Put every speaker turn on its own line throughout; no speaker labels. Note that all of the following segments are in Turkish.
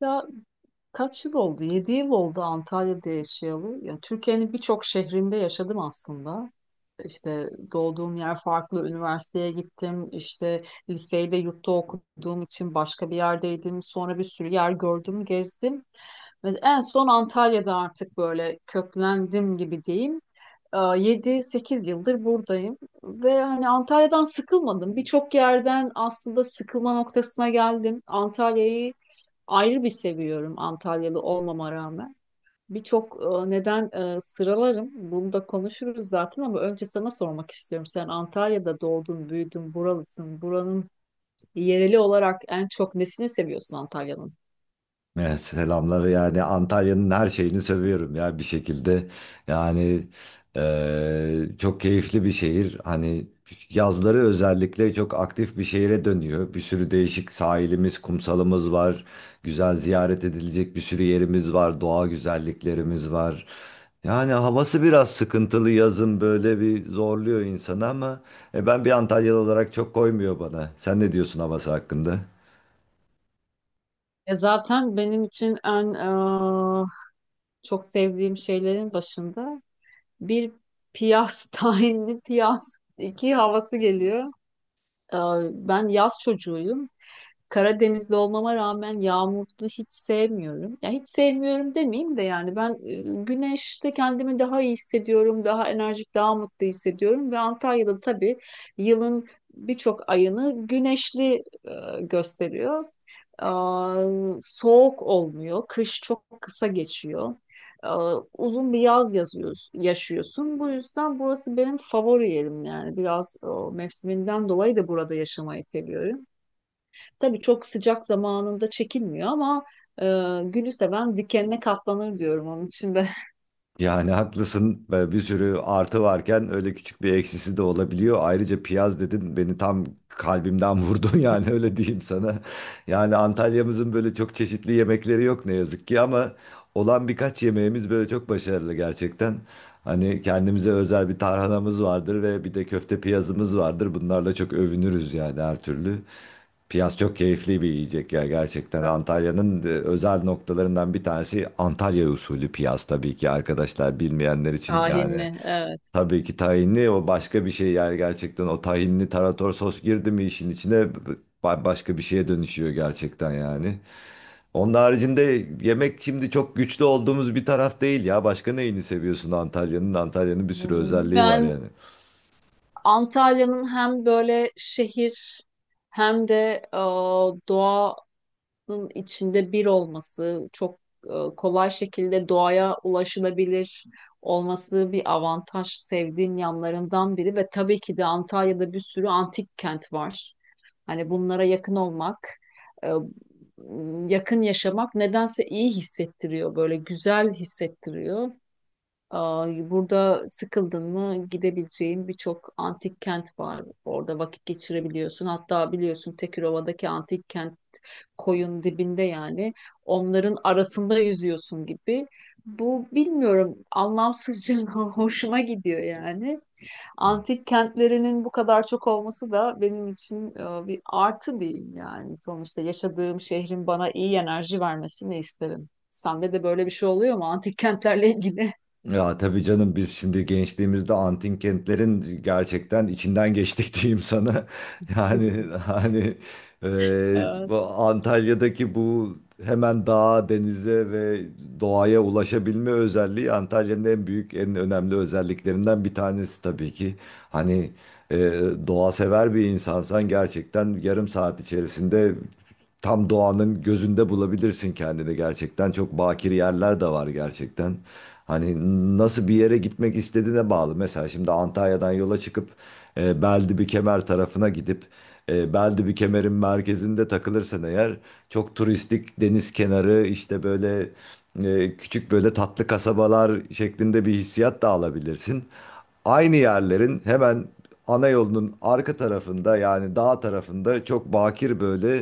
Ya kaç yıl oldu? 7 yıl oldu Antalya'da yaşayalı. Ya Türkiye'nin birçok şehrinde yaşadım aslında. İşte doğduğum yer farklı, üniversiteye gittim. İşte liseyi de yurtta okuduğum için başka bir yerdeydim. Sonra bir sürü yer gördüm, gezdim. Ve en son Antalya'da artık böyle köklendim gibi diyeyim. 7-8 yıldır buradayım ve hani Antalya'dan sıkılmadım. Birçok yerden aslında sıkılma noktasına geldim. Antalya'yı ayrı bir seviyorum Antalyalı olmama rağmen. Birçok neden sıralarım. Bunu da konuşuruz zaten ama önce sana sormak istiyorum. Sen Antalya'da doğdun, büyüdün, buralısın. Buranın yereli olarak en çok nesini seviyorsun Antalya'nın?
Evet, selamları yani Antalya'nın her şeyini seviyorum ya bir şekilde. Yani çok keyifli bir şehir. Hani yazları özellikle çok aktif bir şehire dönüyor. Bir sürü değişik sahilimiz, kumsalımız var. Güzel ziyaret edilecek bir sürü yerimiz var. Doğa güzelliklerimiz var. Yani havası biraz sıkıntılı yazın böyle bir zorluyor insanı ama ben bir Antalyalı olarak çok koymuyor bana. Sen ne diyorsun havası hakkında?
Zaten benim için en çok sevdiğim şeylerin başında bir tahinli piyas iki havası geliyor. Ee, Ben yaz çocuğuyum. Karadenizli olmama rağmen yağmurlu hiç sevmiyorum. Ya hiç sevmiyorum demeyeyim de yani ben güneşte kendimi daha iyi hissediyorum, daha enerjik, daha mutlu hissediyorum ve Antalya'da tabii yılın birçok ayını güneşli gösteriyor. Aa, Soğuk olmuyor, kış çok kısa geçiyor. Uzun bir yaz yazıyoruz, yaşıyorsun. Bu yüzden burası benim favori yerim yani. Biraz mevsiminden dolayı da burada yaşamayı seviyorum. Tabii çok sıcak zamanında çekilmiyor ama e, gülü seven dikenine katlanır diyorum onun için de.
Yani haklısın ve bir sürü artı varken öyle küçük bir eksisi de olabiliyor. Ayrıca piyaz dedin beni tam kalbimden vurdun yani öyle diyeyim sana. Yani Antalya'mızın böyle çok çeşitli yemekleri yok ne yazık ki ama olan birkaç yemeğimiz böyle çok başarılı gerçekten. Hani kendimize özel bir tarhanamız vardır ve bir de köfte piyazımız vardır. Bunlarla çok övünürüz yani her türlü. Piyaz çok keyifli bir yiyecek ya gerçekten.
Evet.
Antalya'nın özel noktalarından bir tanesi Antalya usulü piyaz, tabii ki arkadaşlar bilmeyenler için
Kahin.
yani.
Evet.
Tabii ki tahinli o başka bir şey yani, gerçekten o tahinli tarator sos girdi mi işin içine başka bir şeye dönüşüyor gerçekten yani. Onun haricinde yemek şimdi çok güçlü olduğumuz bir taraf değil ya. Başka neyini seviyorsun Antalya'nın? Antalya'nın bir sürü özelliği var
Ben
yani.
Antalya'nın hem böyle şehir hem de e, doğa, bunun içinde bir olması, çok kolay şekilde doğaya ulaşılabilir olması bir avantaj, sevdiğim yanlarından biri ve tabii ki de Antalya'da bir sürü antik kent var. Hani bunlara yakın olmak, e, yakın yaşamak nedense iyi hissettiriyor, böyle güzel hissettiriyor. Burada sıkıldın mı gidebileceğin birçok antik kent var. Orada vakit geçirebiliyorsun. Hatta biliyorsun Tekirova'daki antik kent koyun dibinde yani. Onların arasında yüzüyorsun gibi. Bu bilmiyorum anlamsızca hoşuma gidiyor yani. Antik kentlerinin bu kadar çok olması da benim için bir artı diyeyim yani. Sonuçta yaşadığım şehrin bana iyi enerji vermesini isterim. Sende de böyle bir şey oluyor mu antik kentlerle ilgili?
Ya tabii canım, biz şimdi gençliğimizde antin kentlerin gerçekten içinden geçtik diyeyim sana. Yani hani e,
Evet,
bu Antalya'daki bu hemen dağa, denize ve doğaya ulaşabilme özelliği Antalya'nın en büyük, en önemli özelliklerinden bir tanesi tabii ki. Hani e, doğa sever bir insansan gerçekten yarım saat içerisinde tam doğanın gözünde bulabilirsin kendini gerçekten. Çok bakir yerler de var gerçekten. Hani nasıl bir yere gitmek istediğine bağlı. Mesela şimdi Antalya'dan yola çıkıp Beldibi Kemer tarafına gidip Beldibi Kemer'in merkezinde takılırsan eğer çok turistik deniz kenarı, işte böyle küçük böyle tatlı kasabalar şeklinde bir hissiyat da alabilirsin. Aynı yerlerin hemen ana yolunun arka tarafında, yani dağ tarafında çok bakir böyle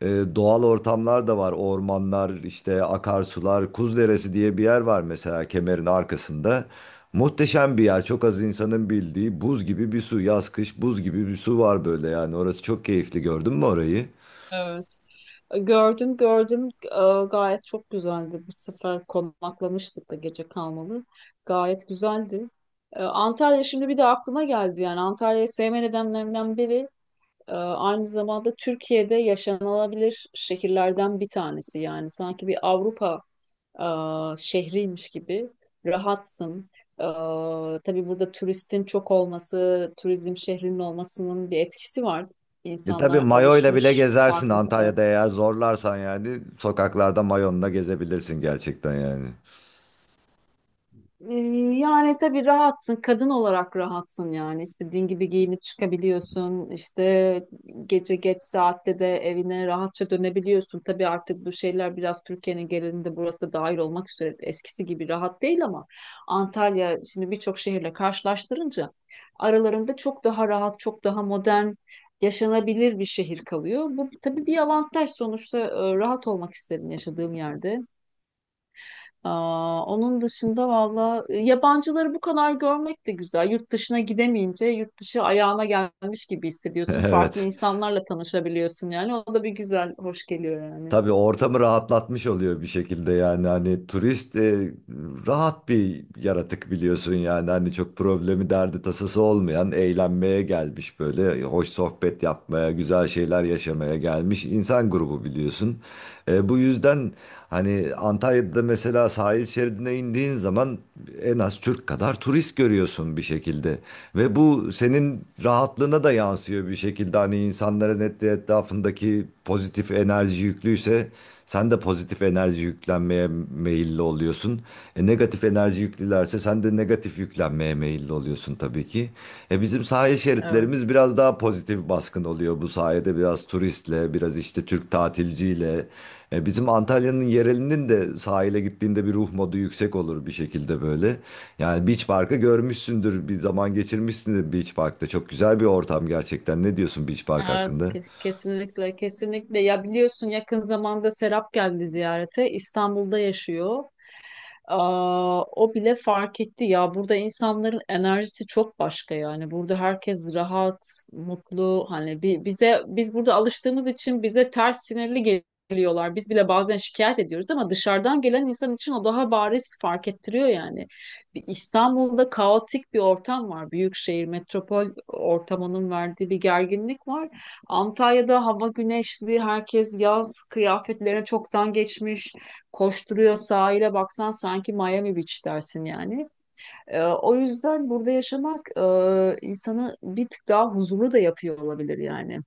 e, doğal ortamlar da var. Ormanlar, işte akarsular, Kuz Deresi diye bir yer var mesela kemerin arkasında. Muhteşem bir yer. Çok az insanın bildiği buz gibi bir su. Yaz kış buz gibi bir su var böyle yani. Orası çok keyifli. Gördün mü orayı?
evet. Gördüm, gördüm. Gayet çok güzeldi. Bu sefer konaklamıştık da gece kalmalı. Gayet güzeldi. Antalya şimdi bir de aklıma geldi. Yani Antalya'yı sevme nedenlerimden biri aynı zamanda Türkiye'de yaşanılabilir şehirlerden bir tanesi. Yani sanki bir Avrupa e, şehriymiş gibi rahatsın. E, tabii burada turistin çok olması, turizm şehrinin olmasının bir etkisi var.
Tabii
İnsanlar
mayoyla bile
alışmış
gezersin
farklı.
Antalya'da eğer zorlarsan yani, sokaklarda mayonla gezebilirsin gerçekten yani.
Ee, Yani tabii rahatsın, kadın olarak rahatsın yani istediğin gibi giyinip çıkabiliyorsun, işte gece geç saatte de evine rahatça dönebiliyorsun. Tabii artık bu şeyler biraz Türkiye'nin genelinde burası da dahil olmak üzere eskisi gibi rahat değil ama Antalya şimdi birçok şehirle karşılaştırınca aralarında çok daha rahat, çok daha modern, yaşanabilir bir şehir kalıyor. Bu tabii bir avantaj sonuçta, rahat olmak isterim yaşadığım yerde. Onun dışında valla yabancıları bu kadar görmek de güzel. Yurt dışına gidemeyince yurt dışı ayağına gelmiş gibi hissediyorsun. Farklı
Evet.
insanlarla tanışabiliyorsun yani. O da bir güzel, hoş geliyor yani.
Tabii ortamı rahatlatmış oluyor bir şekilde, yani hani turist rahat bir yaratık biliyorsun, yani hani çok problemi derdi tasası olmayan, eğlenmeye gelmiş, böyle hoş sohbet yapmaya, güzel şeyler yaşamaya gelmiş insan grubu biliyorsun. Bu yüzden hani Antalya'da mesela sahil şeridine indiğin zaman en az Türk kadar turist görüyorsun bir şekilde. Ve bu senin rahatlığına da yansıyor bir şekilde. Hani insanların etrafındaki pozitif enerji yüklüyse sen de pozitif enerji yüklenmeye meyilli oluyorsun. Negatif enerji yüklülerse sen de negatif yüklenmeye meyilli oluyorsun tabii ki. Bizim sahil
Evet.
şeritlerimiz biraz daha pozitif baskın oluyor bu sayede, biraz turistle, biraz işte Türk tatilciyle. Bizim Antalya'nın yerelinin de sahile gittiğinde bir ruh modu yüksek olur bir şekilde böyle. Yani Beach Park'ı görmüşsündür, bir zaman geçirmişsindir Beach Park'ta. Çok güzel bir ortam gerçekten. Ne diyorsun Beach Park
Evet,
hakkında?
kesinlikle, kesinlikle. Ya biliyorsun yakın zamanda Serap geldi ziyarete. İstanbul'da yaşıyor. O bile fark etti ya. Burada insanların enerjisi çok başka yani. Burada herkes rahat, mutlu. Hani bize biz burada alıştığımız için bize ters sinirli geliyorlar. Biz bile bazen şikayet ediyoruz ama dışarıdan gelen insan için o daha bariz fark ettiriyor yani. Bir İstanbul'da kaotik bir ortam var. Büyük şehir, metropol ortamının verdiği bir gerginlik var. Antalya'da hava güneşli, herkes yaz kıyafetlerine çoktan geçmiş, koşturuyor, sahile baksan sanki Miami Beach dersin yani. O yüzden burada yaşamak insanı bir tık daha huzurlu da yapıyor olabilir yani.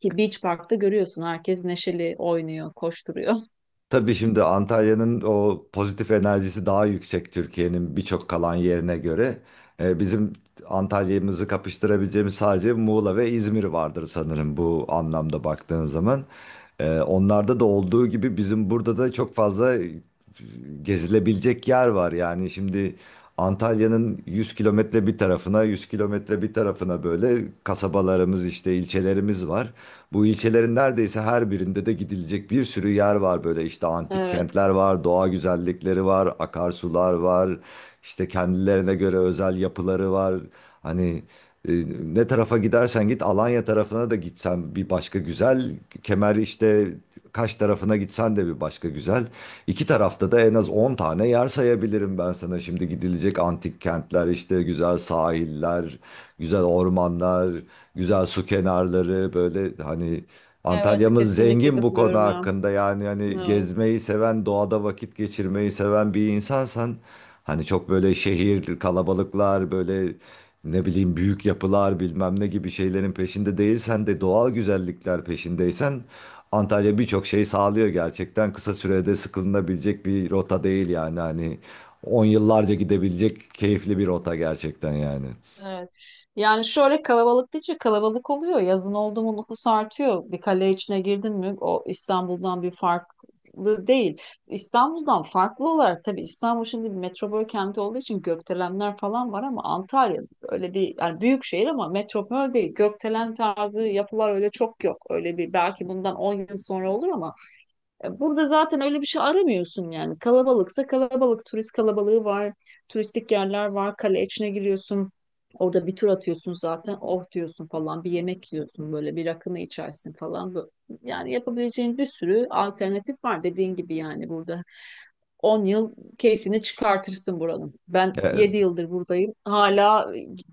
Ki Beach Park'ta görüyorsun herkes neşeli oynuyor, koşturuyor.
Tabii şimdi Antalya'nın o pozitif enerjisi daha yüksek Türkiye'nin birçok kalan yerine göre. Bizim Antalya'mızı kapıştırabileceğimiz sadece Muğla ve İzmir vardır sanırım bu anlamda baktığın zaman. Onlarda da olduğu gibi bizim burada da çok fazla gezilebilecek yer var. Yani şimdi Antalya'nın 100 kilometre bir tarafına, 100 kilometre bir tarafına böyle kasabalarımız, işte ilçelerimiz var. Bu ilçelerin neredeyse her birinde de gidilecek bir sürü yer var, böyle işte antik kentler
Evet,
var, doğa güzellikleri var, akarsular var, işte kendilerine göre özel yapıları var. Hani e, ne tarafa gidersen git, Alanya tarafına da gitsen bir başka güzel. Kemer, işte Kaş tarafına gitsen de bir başka güzel. İki tarafta da en az 10 tane yer sayabilirim ben sana. Şimdi gidilecek antik kentler, işte güzel sahiller, güzel ormanlar, güzel su kenarları, böyle hani
evet,
Antalya'mız
kesinlikle
zengin bu konu
katılıyorum ya.
hakkında. Yani hani
Evet.
gezmeyi seven, doğada vakit geçirmeyi seven bir insansan, hani çok böyle şehir, kalabalıklar, böyle ne bileyim büyük yapılar bilmem ne gibi şeylerin peşinde değilsen de doğal güzellikler peşindeysen Antalya birçok şey sağlıyor gerçekten. Kısa sürede sıkılınabilecek bir rota değil yani, hani 10 yıllarca gidebilecek keyifli bir rota gerçekten yani.
Evet. Yani şöyle kalabalık deyince kalabalık oluyor. Yazın oldu mu nüfus artıyor. Bir kale içine girdin mi o İstanbul'dan bir farklı değil. İstanbul'dan farklı olarak tabii İstanbul şimdi bir metropol kenti olduğu için gökdelenler falan var ama Antalya öyle bir yani büyük şehir ama metropol değil. Gökdelen tarzı yapılar öyle çok yok. Öyle bir belki bundan 10 yıl sonra olur ama burada zaten öyle bir şey aramıyorsun yani. Kalabalıksa kalabalık, turist kalabalığı var, turistik yerler var, kale içine giriyorsun. Orada bir tur atıyorsun zaten, oh diyorsun falan, bir yemek yiyorsun böyle, bir rakını içersin falan. Yani yapabileceğin bir sürü alternatif var dediğin gibi yani burada. 10 yıl keyfini çıkartırsın buranın. Ben
E,
7 yıldır buradayım. Hala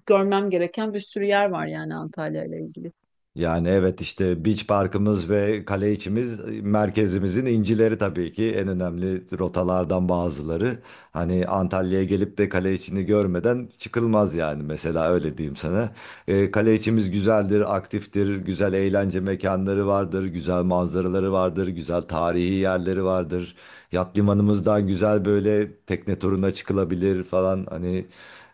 görmem gereken bir sürü yer var yani Antalya ile ilgili.
Yani evet, işte Beach Park'ımız ve kale içimiz merkezimizin incileri, tabii ki en önemli rotalardan bazıları. Hani Antalya'ya gelip de kale içini görmeden çıkılmaz yani, mesela öyle diyeyim sana. Kale içimiz güzeldir, aktiftir, güzel eğlence mekanları vardır, güzel manzaraları vardır, güzel tarihi yerleri vardır. Yat limanımızdan güzel böyle tekne turuna çıkılabilir falan, hani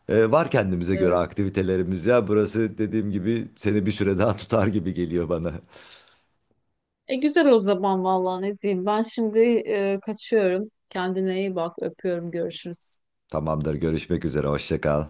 var kendimize göre aktivitelerimiz ya. Burası dediğim gibi seni bir süre daha tutar gibi geliyor bana.
E güzel o zaman vallahi ne diyeyim. Ben şimdi kaçıyorum. Kendine iyi bak. Öpüyorum. Görüşürüz.
Tamamdır, görüşmek üzere, hoşça kal.